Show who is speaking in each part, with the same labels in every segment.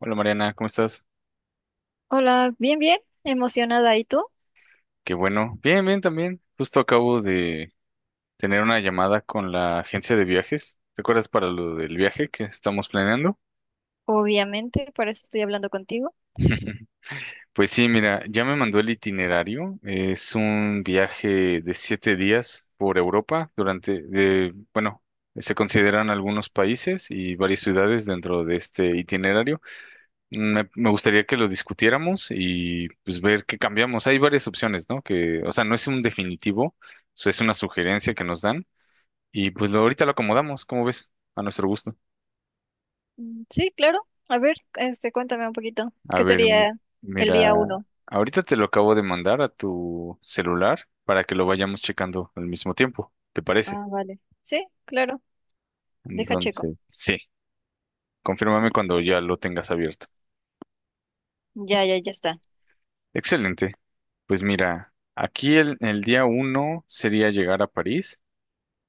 Speaker 1: Hola Mariana, ¿cómo estás?
Speaker 2: Hola, bien, bien, emocionada. ¿Y tú?
Speaker 1: Qué bueno. Bien, bien también. Justo acabo de tener una llamada con la agencia de viajes. ¿Te acuerdas para lo del viaje que estamos planeando?
Speaker 2: Obviamente, para eso estoy hablando contigo.
Speaker 1: Pues sí, mira, ya me mandó el itinerario. Es un viaje de 7 días por Europa bueno, se consideran algunos países y varias ciudades dentro de este itinerario. Me gustaría que lo discutiéramos y pues ver qué cambiamos. Hay varias opciones, ¿no? O sea, no es un definitivo, o sea, es una sugerencia que nos dan y pues ahorita lo acomodamos, ¿cómo ves? A nuestro gusto.
Speaker 2: Mm, sí, claro. A ver, este, cuéntame un poquito.
Speaker 1: A
Speaker 2: ¿Qué
Speaker 1: ver,
Speaker 2: sería el día
Speaker 1: mira,
Speaker 2: uno?
Speaker 1: ahorita te lo acabo de mandar a tu celular para que lo vayamos checando al mismo tiempo, ¿te parece?
Speaker 2: Ah, vale. Sí, claro. Deja checo.
Speaker 1: Entonces, sí, confírmame cuando ya lo tengas abierto.
Speaker 2: Ya, ya, ya está.
Speaker 1: Excelente. Pues mira, aquí el día uno sería llegar a París.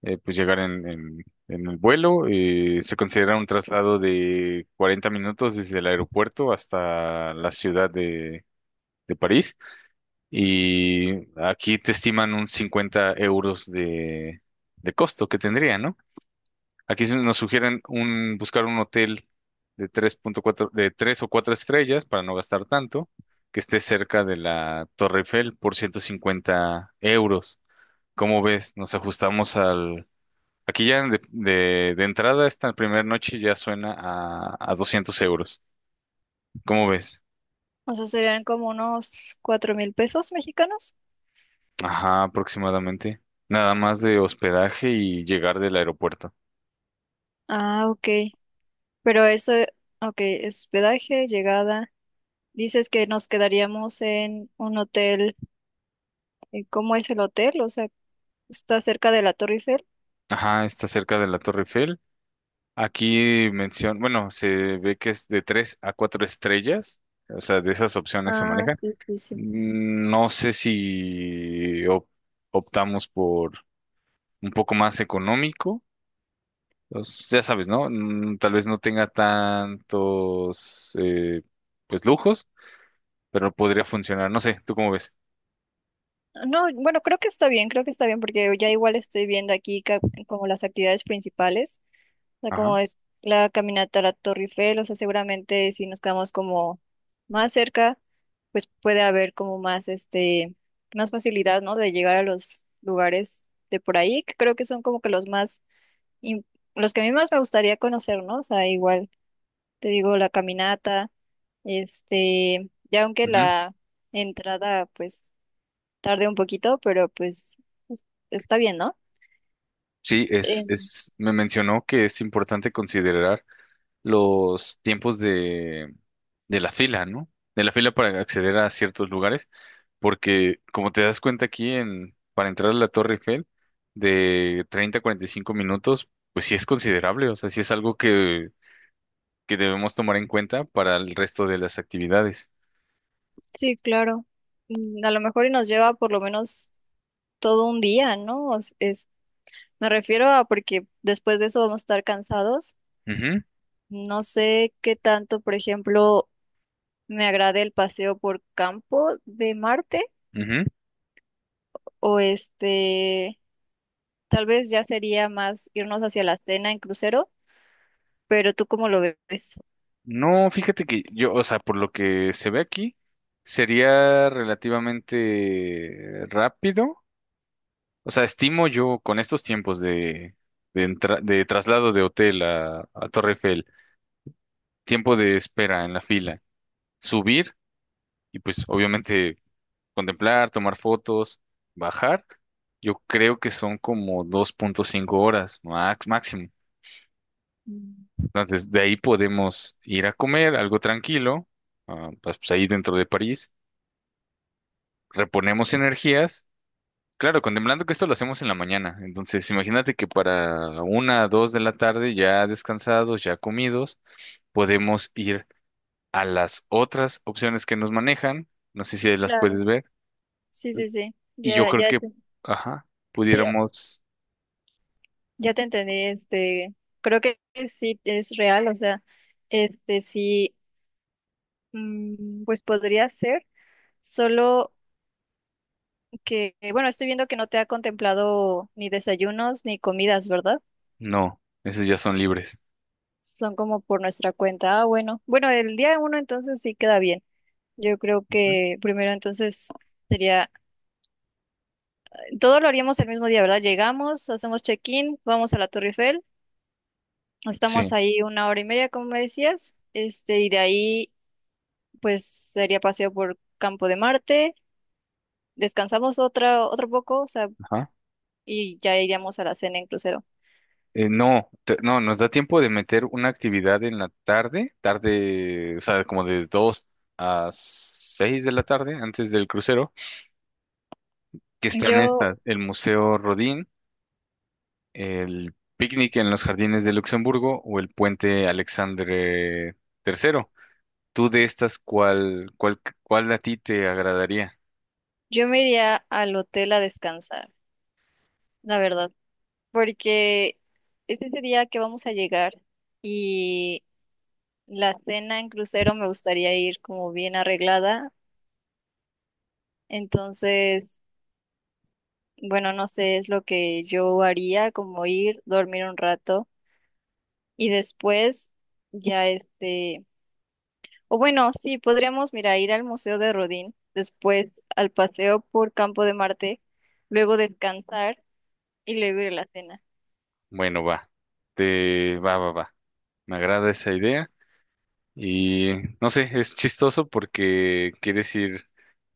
Speaker 1: Pues llegar en el vuelo. Se considera un traslado de 40 minutos desde el aeropuerto hasta la ciudad de París. Y aquí te estiman un 50 euros de costo que tendría, ¿no? Aquí nos sugieren buscar un hotel de 3 o 4 estrellas para no gastar tanto, que esté cerca de la Torre Eiffel por 150 euros. ¿Cómo ves? ¿Nos ajustamos al? Aquí ya de entrada esta primera noche ya suena a 200 euros. ¿Cómo ves?
Speaker 2: O sea, serían como unos 4,000 pesos mexicanos.
Speaker 1: Ajá, aproximadamente. Nada más de hospedaje y llegar del aeropuerto.
Speaker 2: Ah, ok. Pero eso, ok, es hospedaje, llegada. Dices que nos quedaríamos en un hotel. ¿Cómo es el hotel? O sea, ¿está cerca de la Torre Eiffel?
Speaker 1: Ajá, está cerca de la Torre Eiffel. Aquí menciona, bueno, se ve que es de 3 a 4 estrellas. O sea, de esas opciones se
Speaker 2: Ah,
Speaker 1: manejan.
Speaker 2: sí, sí, sí.
Speaker 1: No sé si optamos por un poco más económico. Ya sabes, ¿no? Tal vez no tenga tantos, pues, lujos, pero podría funcionar. No sé, ¿tú cómo ves?
Speaker 2: No, bueno, creo que está bien, creo que está bien, porque ya igual estoy viendo aquí como las actividades principales, o sea,
Speaker 1: Ajá.
Speaker 2: como es la caminata a la Torre Eiffel, o sea, seguramente si nos quedamos como más cerca, pues puede haber como más, este, más facilidad, ¿no? De llegar a los lugares de por ahí, que creo que son como que los más, im- los que a mí más me gustaría conocer, ¿no? O sea, igual te digo la caminata, este, ya aunque
Speaker 1: Ujú.
Speaker 2: la entrada, pues tardé un poquito, pero pues está bien, ¿no?
Speaker 1: Sí, es,
Speaker 2: Eh,
Speaker 1: es, me mencionó que es importante considerar los tiempos de la fila, ¿no? De la fila para acceder a ciertos lugares, porque como te das cuenta aquí para entrar a la Torre Eiffel, de 30 a 45 minutos, pues sí es considerable, o sea, sí es algo que debemos tomar en cuenta para el resto de las actividades.
Speaker 2: sí, claro. A lo mejor y nos lleva por lo menos todo un día, ¿no? Me refiero a porque después de eso vamos a estar cansados.
Speaker 1: Ujú,
Speaker 2: No sé qué tanto, por ejemplo, me agrade el paseo por Campo de Marte
Speaker 1: ujú.
Speaker 2: o este, tal vez ya sería más irnos hacia la cena en crucero, pero ¿tú cómo lo ves?
Speaker 1: No, fíjate que yo, o sea, por lo que se ve aquí, sería relativamente rápido. O sea, estimo yo con estos tiempos de traslado de hotel a Torre Eiffel, tiempo de espera en la fila, subir y pues obviamente contemplar, tomar fotos, bajar. Yo creo que son como 2,5 horas max, máximo.
Speaker 2: Mm,
Speaker 1: Entonces, de ahí podemos ir a comer algo tranquilo, pues, ahí dentro de París, reponemos energías. Claro, contemplando que esto lo hacemos en la mañana. Entonces, imagínate que para una, dos de la tarde, ya descansados, ya comidos, podemos ir a las otras opciones que nos manejan. No sé si ahí las
Speaker 2: claro.
Speaker 1: puedes ver.
Speaker 2: Sí, sí, sí.
Speaker 1: Y yo
Speaker 2: Ya,
Speaker 1: creo
Speaker 2: ya,
Speaker 1: que, ajá,
Speaker 2: sí,
Speaker 1: pudiéramos.
Speaker 2: ya te entendí, este, creo que sí es real, o sea, este sí, pues podría ser, solo que, bueno, estoy viendo que no te ha contemplado ni desayunos ni comidas, ¿verdad?
Speaker 1: No, esas ya son libres.
Speaker 2: Son como por nuestra cuenta. Ah, bueno, bueno, el día uno entonces sí queda bien. Yo creo
Speaker 1: Ujú.
Speaker 2: que primero entonces sería, todo lo haríamos el mismo día, ¿verdad? Llegamos, hacemos check-in, vamos a la Torre Eiffel, estamos
Speaker 1: Sí,
Speaker 2: ahí 1 hora y media, como me decías, este, y de ahí pues sería paseo por Campo de Marte, descansamos otra, otro poco, o sea,
Speaker 1: ajá.
Speaker 2: y ya iríamos a la cena en crucero.
Speaker 1: No, nos da tiempo de meter una actividad en la tarde, tarde, o sea, como de 2 a 6 de la tarde, antes del crucero, que están
Speaker 2: Yo,
Speaker 1: estas, el Museo Rodin, el picnic en los jardines de Luxemburgo o el puente Alexandre III. ¿Tú de estas cuál a ti te agradaría?
Speaker 2: yo me iría al hotel a descansar, la verdad, porque es ese día que vamos a llegar y la cena en crucero me gustaría ir como bien arreglada, entonces, bueno, no sé, es lo que yo haría, como ir, dormir un rato y después ya este. O bueno, sí, podríamos, mira, ir al Museo de Rodin, después al paseo por Campo de Marte, luego descansar y luego ir a la cena.
Speaker 1: Bueno, va, te va, va, va. Me agrada esa idea y no sé, es chistoso porque quieres ir,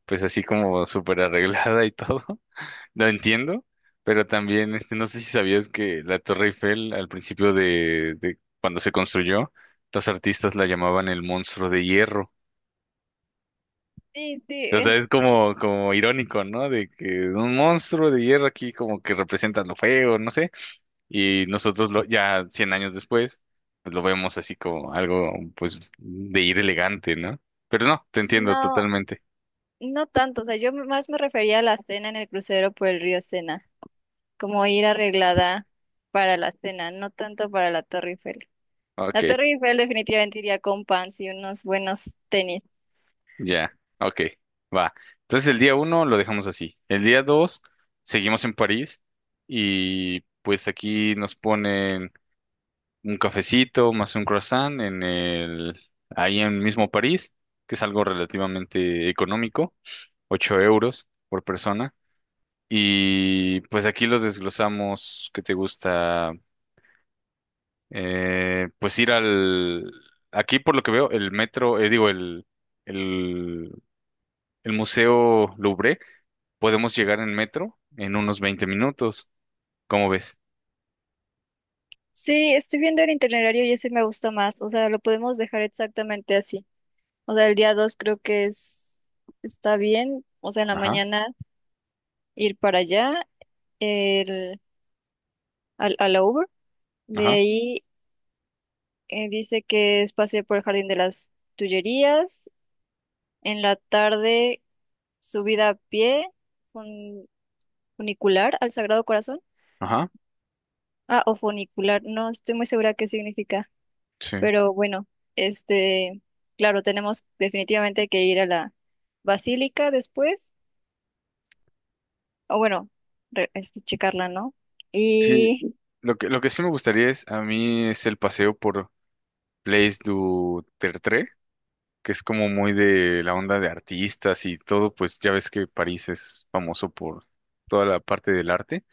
Speaker 1: pues así como súper arreglada y todo. Lo entiendo, pero también, este, no sé si sabías que la Torre Eiffel al principio de cuando se construyó, los artistas la llamaban el monstruo de hierro.
Speaker 2: Sí, sí,
Speaker 1: O sea, es como irónico, ¿no? De que un monstruo de hierro aquí como que representa lo feo, no sé. Y nosotros ya 100 años después, pues lo vemos así como algo, pues, de ir elegante, ¿no? Pero no, te entiendo
Speaker 2: no,
Speaker 1: totalmente.
Speaker 2: no tanto, o sea, yo más me refería a la cena en el crucero por el río Sena, como ir arreglada para la cena, no tanto para la Torre Eiffel.
Speaker 1: Ok,
Speaker 2: La Torre Eiffel definitivamente iría con pants y unos buenos tenis.
Speaker 1: ya, ok, va. Entonces el día uno lo dejamos así. El día dos seguimos en París y pues aquí nos ponen un cafecito más un croissant ahí en mismo París, que es algo relativamente económico, 8 euros por persona. Y pues aquí los desglosamos, ¿qué te gusta? Pues ir aquí por lo que veo, el metro, digo, el El Museo Louvre, podemos llegar en metro en unos 20 minutos. ¿Cómo ves?
Speaker 2: Sí, estoy viendo el itinerario y ese me gusta más, o sea, lo podemos dejar exactamente así. O sea, el día 2 creo que es, está bien. O sea, en la
Speaker 1: Ajá,
Speaker 2: mañana ir para allá, el, al Over. De
Speaker 1: ajá,
Speaker 2: ahí dice que es paseo por el Jardín de las Tullerías. En la tarde, subida a pie, fun- funicular al Sagrado Corazón.
Speaker 1: ajá.
Speaker 2: Ah, o funicular, no estoy muy segura qué significa.
Speaker 1: Sí.
Speaker 2: Pero bueno, este, claro, tenemos definitivamente que ir a la basílica después, o bueno, este, checarla, ¿no?
Speaker 1: Sí.
Speaker 2: Y,
Speaker 1: Lo que sí me gustaría a mí es el paseo por Place du Tertre, que es como muy de la onda de artistas y todo, pues ya ves que París es famoso por toda la parte del arte.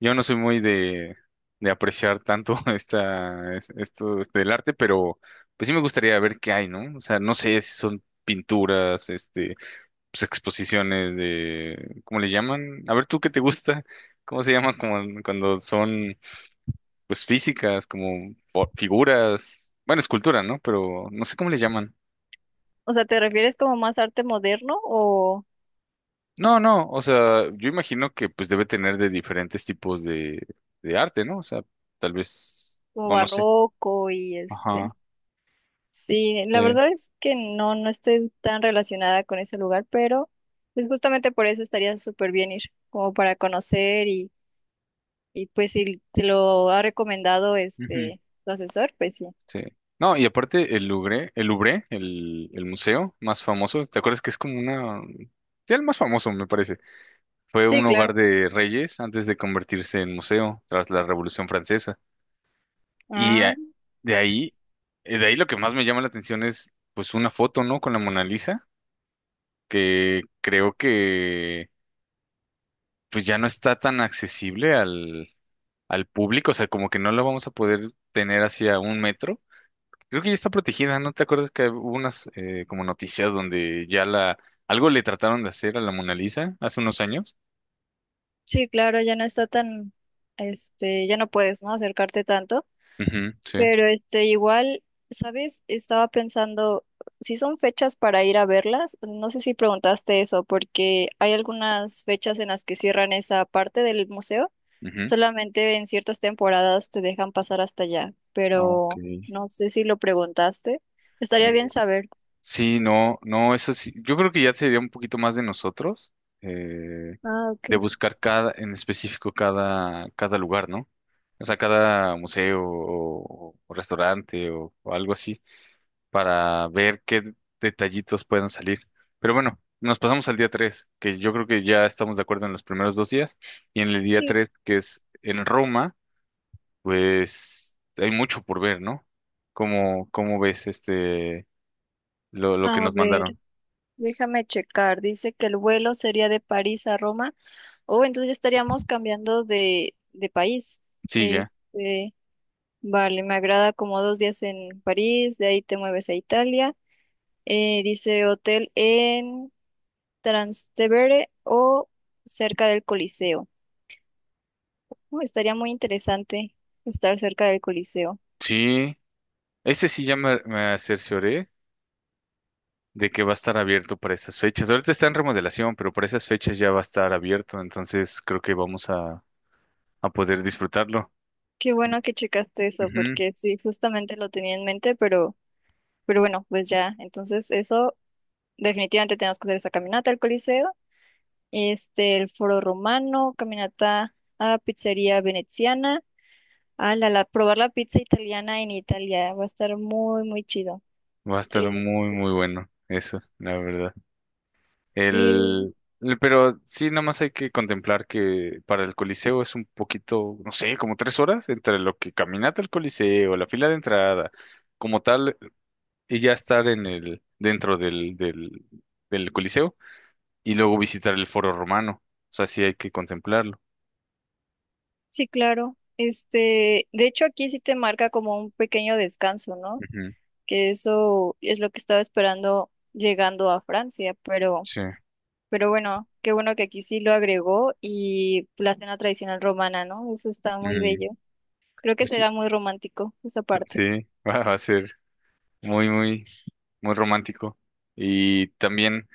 Speaker 1: Yo no soy muy de apreciar tanto este, del arte, pero pues sí me gustaría ver qué hay, ¿no? O sea, no sé si son pinturas, este, pues exposiciones ¿cómo le llaman? A ver, ¿tú qué te gusta? ¿Cómo se llama cuando son, pues, físicas, como figuras? Bueno, escultura, ¿no? Pero no sé cómo le llaman.
Speaker 2: o sea, ¿te refieres como más arte moderno o
Speaker 1: No, no, o sea, yo imagino que pues debe tener de diferentes tipos de arte, ¿no? O sea, tal vez,
Speaker 2: como
Speaker 1: o no sé.
Speaker 2: barroco y este?
Speaker 1: Ajá.
Speaker 2: Sí, la
Speaker 1: eh,
Speaker 2: verdad es que no, no estoy tan relacionada con ese lugar, pero pues justamente por eso estaría súper bien ir, como para conocer y pues si te lo ha recomendado
Speaker 1: Ujú.
Speaker 2: este tu asesor, pues sí.
Speaker 1: Sí. No, y aparte el Louvre, el Louvre, el museo más famoso, ¿te acuerdas que es como una. Sí, el más famoso, me parece. Fue
Speaker 2: Sí,
Speaker 1: un
Speaker 2: claro.
Speaker 1: hogar de reyes antes de convertirse en museo tras la Revolución Francesa. Y
Speaker 2: Ah,
Speaker 1: a- de ahí, de ahí lo que más me llama la atención es pues una foto, ¿no? Con la Mona Lisa, que creo que pues ya no está tan accesible al público, o sea, como que no la vamos a poder tener hacia un metro. Creo que ya está protegida, ¿no te acuerdas que hubo unas como noticias donde ya la algo le trataron de hacer a la Mona Lisa hace unos años?
Speaker 2: sí, claro, ya no está tan, este, ya no puedes, ¿no? Acercarte tanto.
Speaker 1: Ujú, sí.
Speaker 2: Pero este, igual, ¿sabes? Estaba pensando si son fechas para ir a verlas. No sé si preguntaste eso, porque hay algunas fechas en las que cierran esa parte del museo.
Speaker 1: Ujú.
Speaker 2: Solamente en ciertas temporadas te dejan pasar hasta allá,
Speaker 1: Ah, ok.
Speaker 2: pero no sé si lo preguntaste. Estaría
Speaker 1: Mm.
Speaker 2: bien saber.
Speaker 1: Sí, no, no, eso sí. Yo creo que ya sería un poquito más de nosotros eh,
Speaker 2: Ah, ok.
Speaker 1: de buscar en específico cada lugar, ¿no? O sea, cada museo o restaurante o algo así. Para ver qué detallitos puedan salir. Pero bueno, nos pasamos al día 3, que yo creo que ya estamos de acuerdo en los primeros 2 días. Y en el día
Speaker 2: Sí.
Speaker 1: 3, que es en Roma, pues hay mucho por ver, ¿no? ¿Cómo ves este, lo
Speaker 2: A
Speaker 1: que nos
Speaker 2: ver,
Speaker 1: mandaron?
Speaker 2: déjame checar. Dice que el vuelo sería de París a Roma. Oh, entonces ya estaríamos cambiando de país.
Speaker 1: Sí, ya.
Speaker 2: Este. Vale, me agrada como 2 días en París, de ahí te mueves a Italia. Dice hotel en Trastevere o cerca del Coliseo. Oh, estaría muy interesante estar cerca del Coliseo.
Speaker 1: Sí. Ese sí ya me cercioré de que va a estar abierto para esas fechas. Ahorita está en remodelación, pero para esas fechas ya va a estar abierto, entonces creo que vamos a poder disfrutarlo.
Speaker 2: Qué bueno que checaste eso,
Speaker 1: Ujú.
Speaker 2: porque sí, justamente lo tenía en mente, pero bueno, pues ya. Entonces, eso, definitivamente tenemos que hacer esa caminata al Coliseo. Este, el Foro Romano, caminata a Pizzería Veneziana. Ah, probar la pizza italiana en Italia va a estar muy, muy chido.
Speaker 1: Va a estar
Speaker 2: Eh,
Speaker 1: muy, muy bueno eso, la verdad.
Speaker 2: y
Speaker 1: El, pero sí, nada más hay que contemplar que para el Coliseo es un poquito, no sé, como 3 horas entre lo que caminata al Coliseo, la fila de entrada, como tal, y ya estar dentro del Coliseo y luego visitar el Foro Romano. O sea, sí hay que contemplarlo.
Speaker 2: sí, claro. Este, de hecho, aquí sí te marca como un pequeño descanso, ¿no?
Speaker 1: Ujú,
Speaker 2: Que eso es lo que estaba esperando llegando a Francia, pero,
Speaker 1: sí.
Speaker 2: pero bueno, qué bueno que aquí sí lo agregó y la cena tradicional romana, ¿no? Eso está muy
Speaker 1: Mm,
Speaker 2: bello. Creo que
Speaker 1: pues sí,
Speaker 2: será muy romántico esa parte.
Speaker 1: sí, va a ser muy, muy, muy romántico. Y también.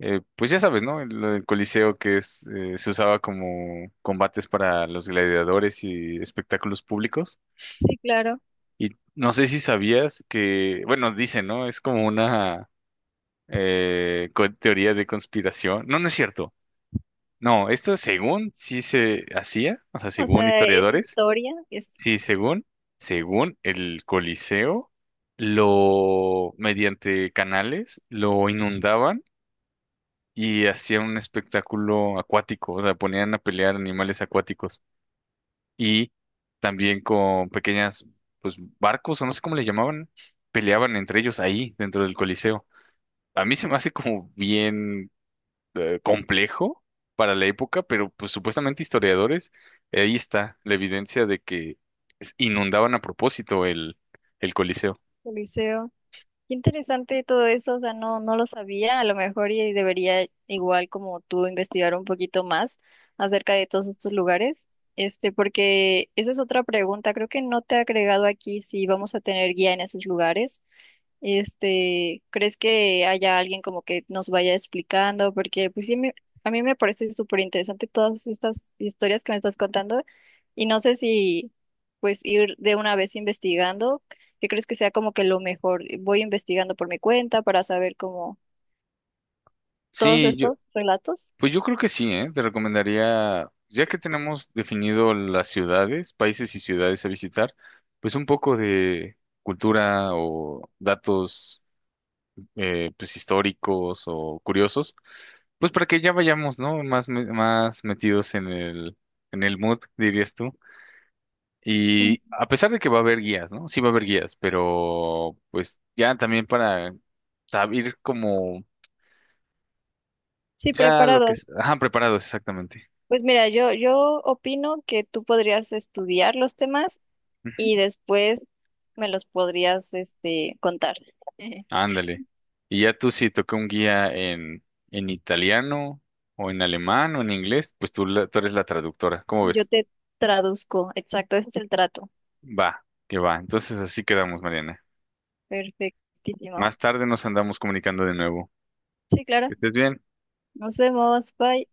Speaker 1: Pues ya sabes, ¿no? El Coliseo se usaba como combates para los gladiadores y espectáculos públicos.
Speaker 2: Sí, claro.
Speaker 1: Y no sé si sabías que, bueno, dicen, ¿no? Es como una teoría de conspiración. No, no es cierto. No, esto según sí se hacía, o sea,
Speaker 2: O
Speaker 1: según
Speaker 2: sea, es
Speaker 1: historiadores,
Speaker 2: historia, es
Speaker 1: sí, según el Coliseo, lo, mediante canales, lo inundaban y hacían un espectáculo acuático, o sea, ponían a pelear animales acuáticos y también con pues, barcos o no sé cómo le llamaban, peleaban entre ellos ahí dentro del Coliseo. A mí se me hace como bien complejo para la época, pero pues supuestamente historiadores, ahí está la evidencia de que inundaban a propósito el Coliseo.
Speaker 2: Coliseo. Qué interesante todo eso, o sea, no, no lo sabía, a lo mejor y debería igual como tú investigar un poquito más acerca de todos estos lugares, este, porque esa es otra pregunta, creo que no te he agregado aquí si vamos a tener guía en esos lugares. Este, ¿crees que haya alguien como que nos vaya explicando? Porque pues sí, a mí me parece súper interesante todas estas historias que me estás contando y no sé si pues ir de una vez investigando, ¿qué crees que sea como que lo mejor? Voy investigando por mi cuenta para saber como todos
Speaker 1: Sí,
Speaker 2: estos relatos.
Speaker 1: pues yo creo que sí, ¿eh? Te recomendaría, ya que tenemos definido las ciudades, países y ciudades a visitar, pues un poco de cultura o datos pues históricos o curiosos, pues para que ya vayamos, ¿no? Más metidos en el mood, dirías tú. Y
Speaker 2: Ujú.
Speaker 1: a pesar de que va a haber guías, ¿no? Sí va a haber guías, pero pues ya también para saber como
Speaker 2: Sí,
Speaker 1: ya lo que.
Speaker 2: preparado.
Speaker 1: Ajá, preparados, exactamente.
Speaker 2: Pues mira, yo opino que tú podrías estudiar los temas y después me los podrías, este, contar.
Speaker 1: Ándale. Y ya tú si toca un guía en italiano o en alemán o en inglés, pues tú eres la traductora. ¿Cómo
Speaker 2: Yo
Speaker 1: ves?
Speaker 2: te traduzco, exacto, ese es el trato.
Speaker 1: Va, que va. Entonces así quedamos, Mariana.
Speaker 2: Perfectísimo.
Speaker 1: Más tarde nos andamos comunicando de nuevo.
Speaker 2: Sí, claro.
Speaker 1: Que estés bien.
Speaker 2: Nos vemos. Bye.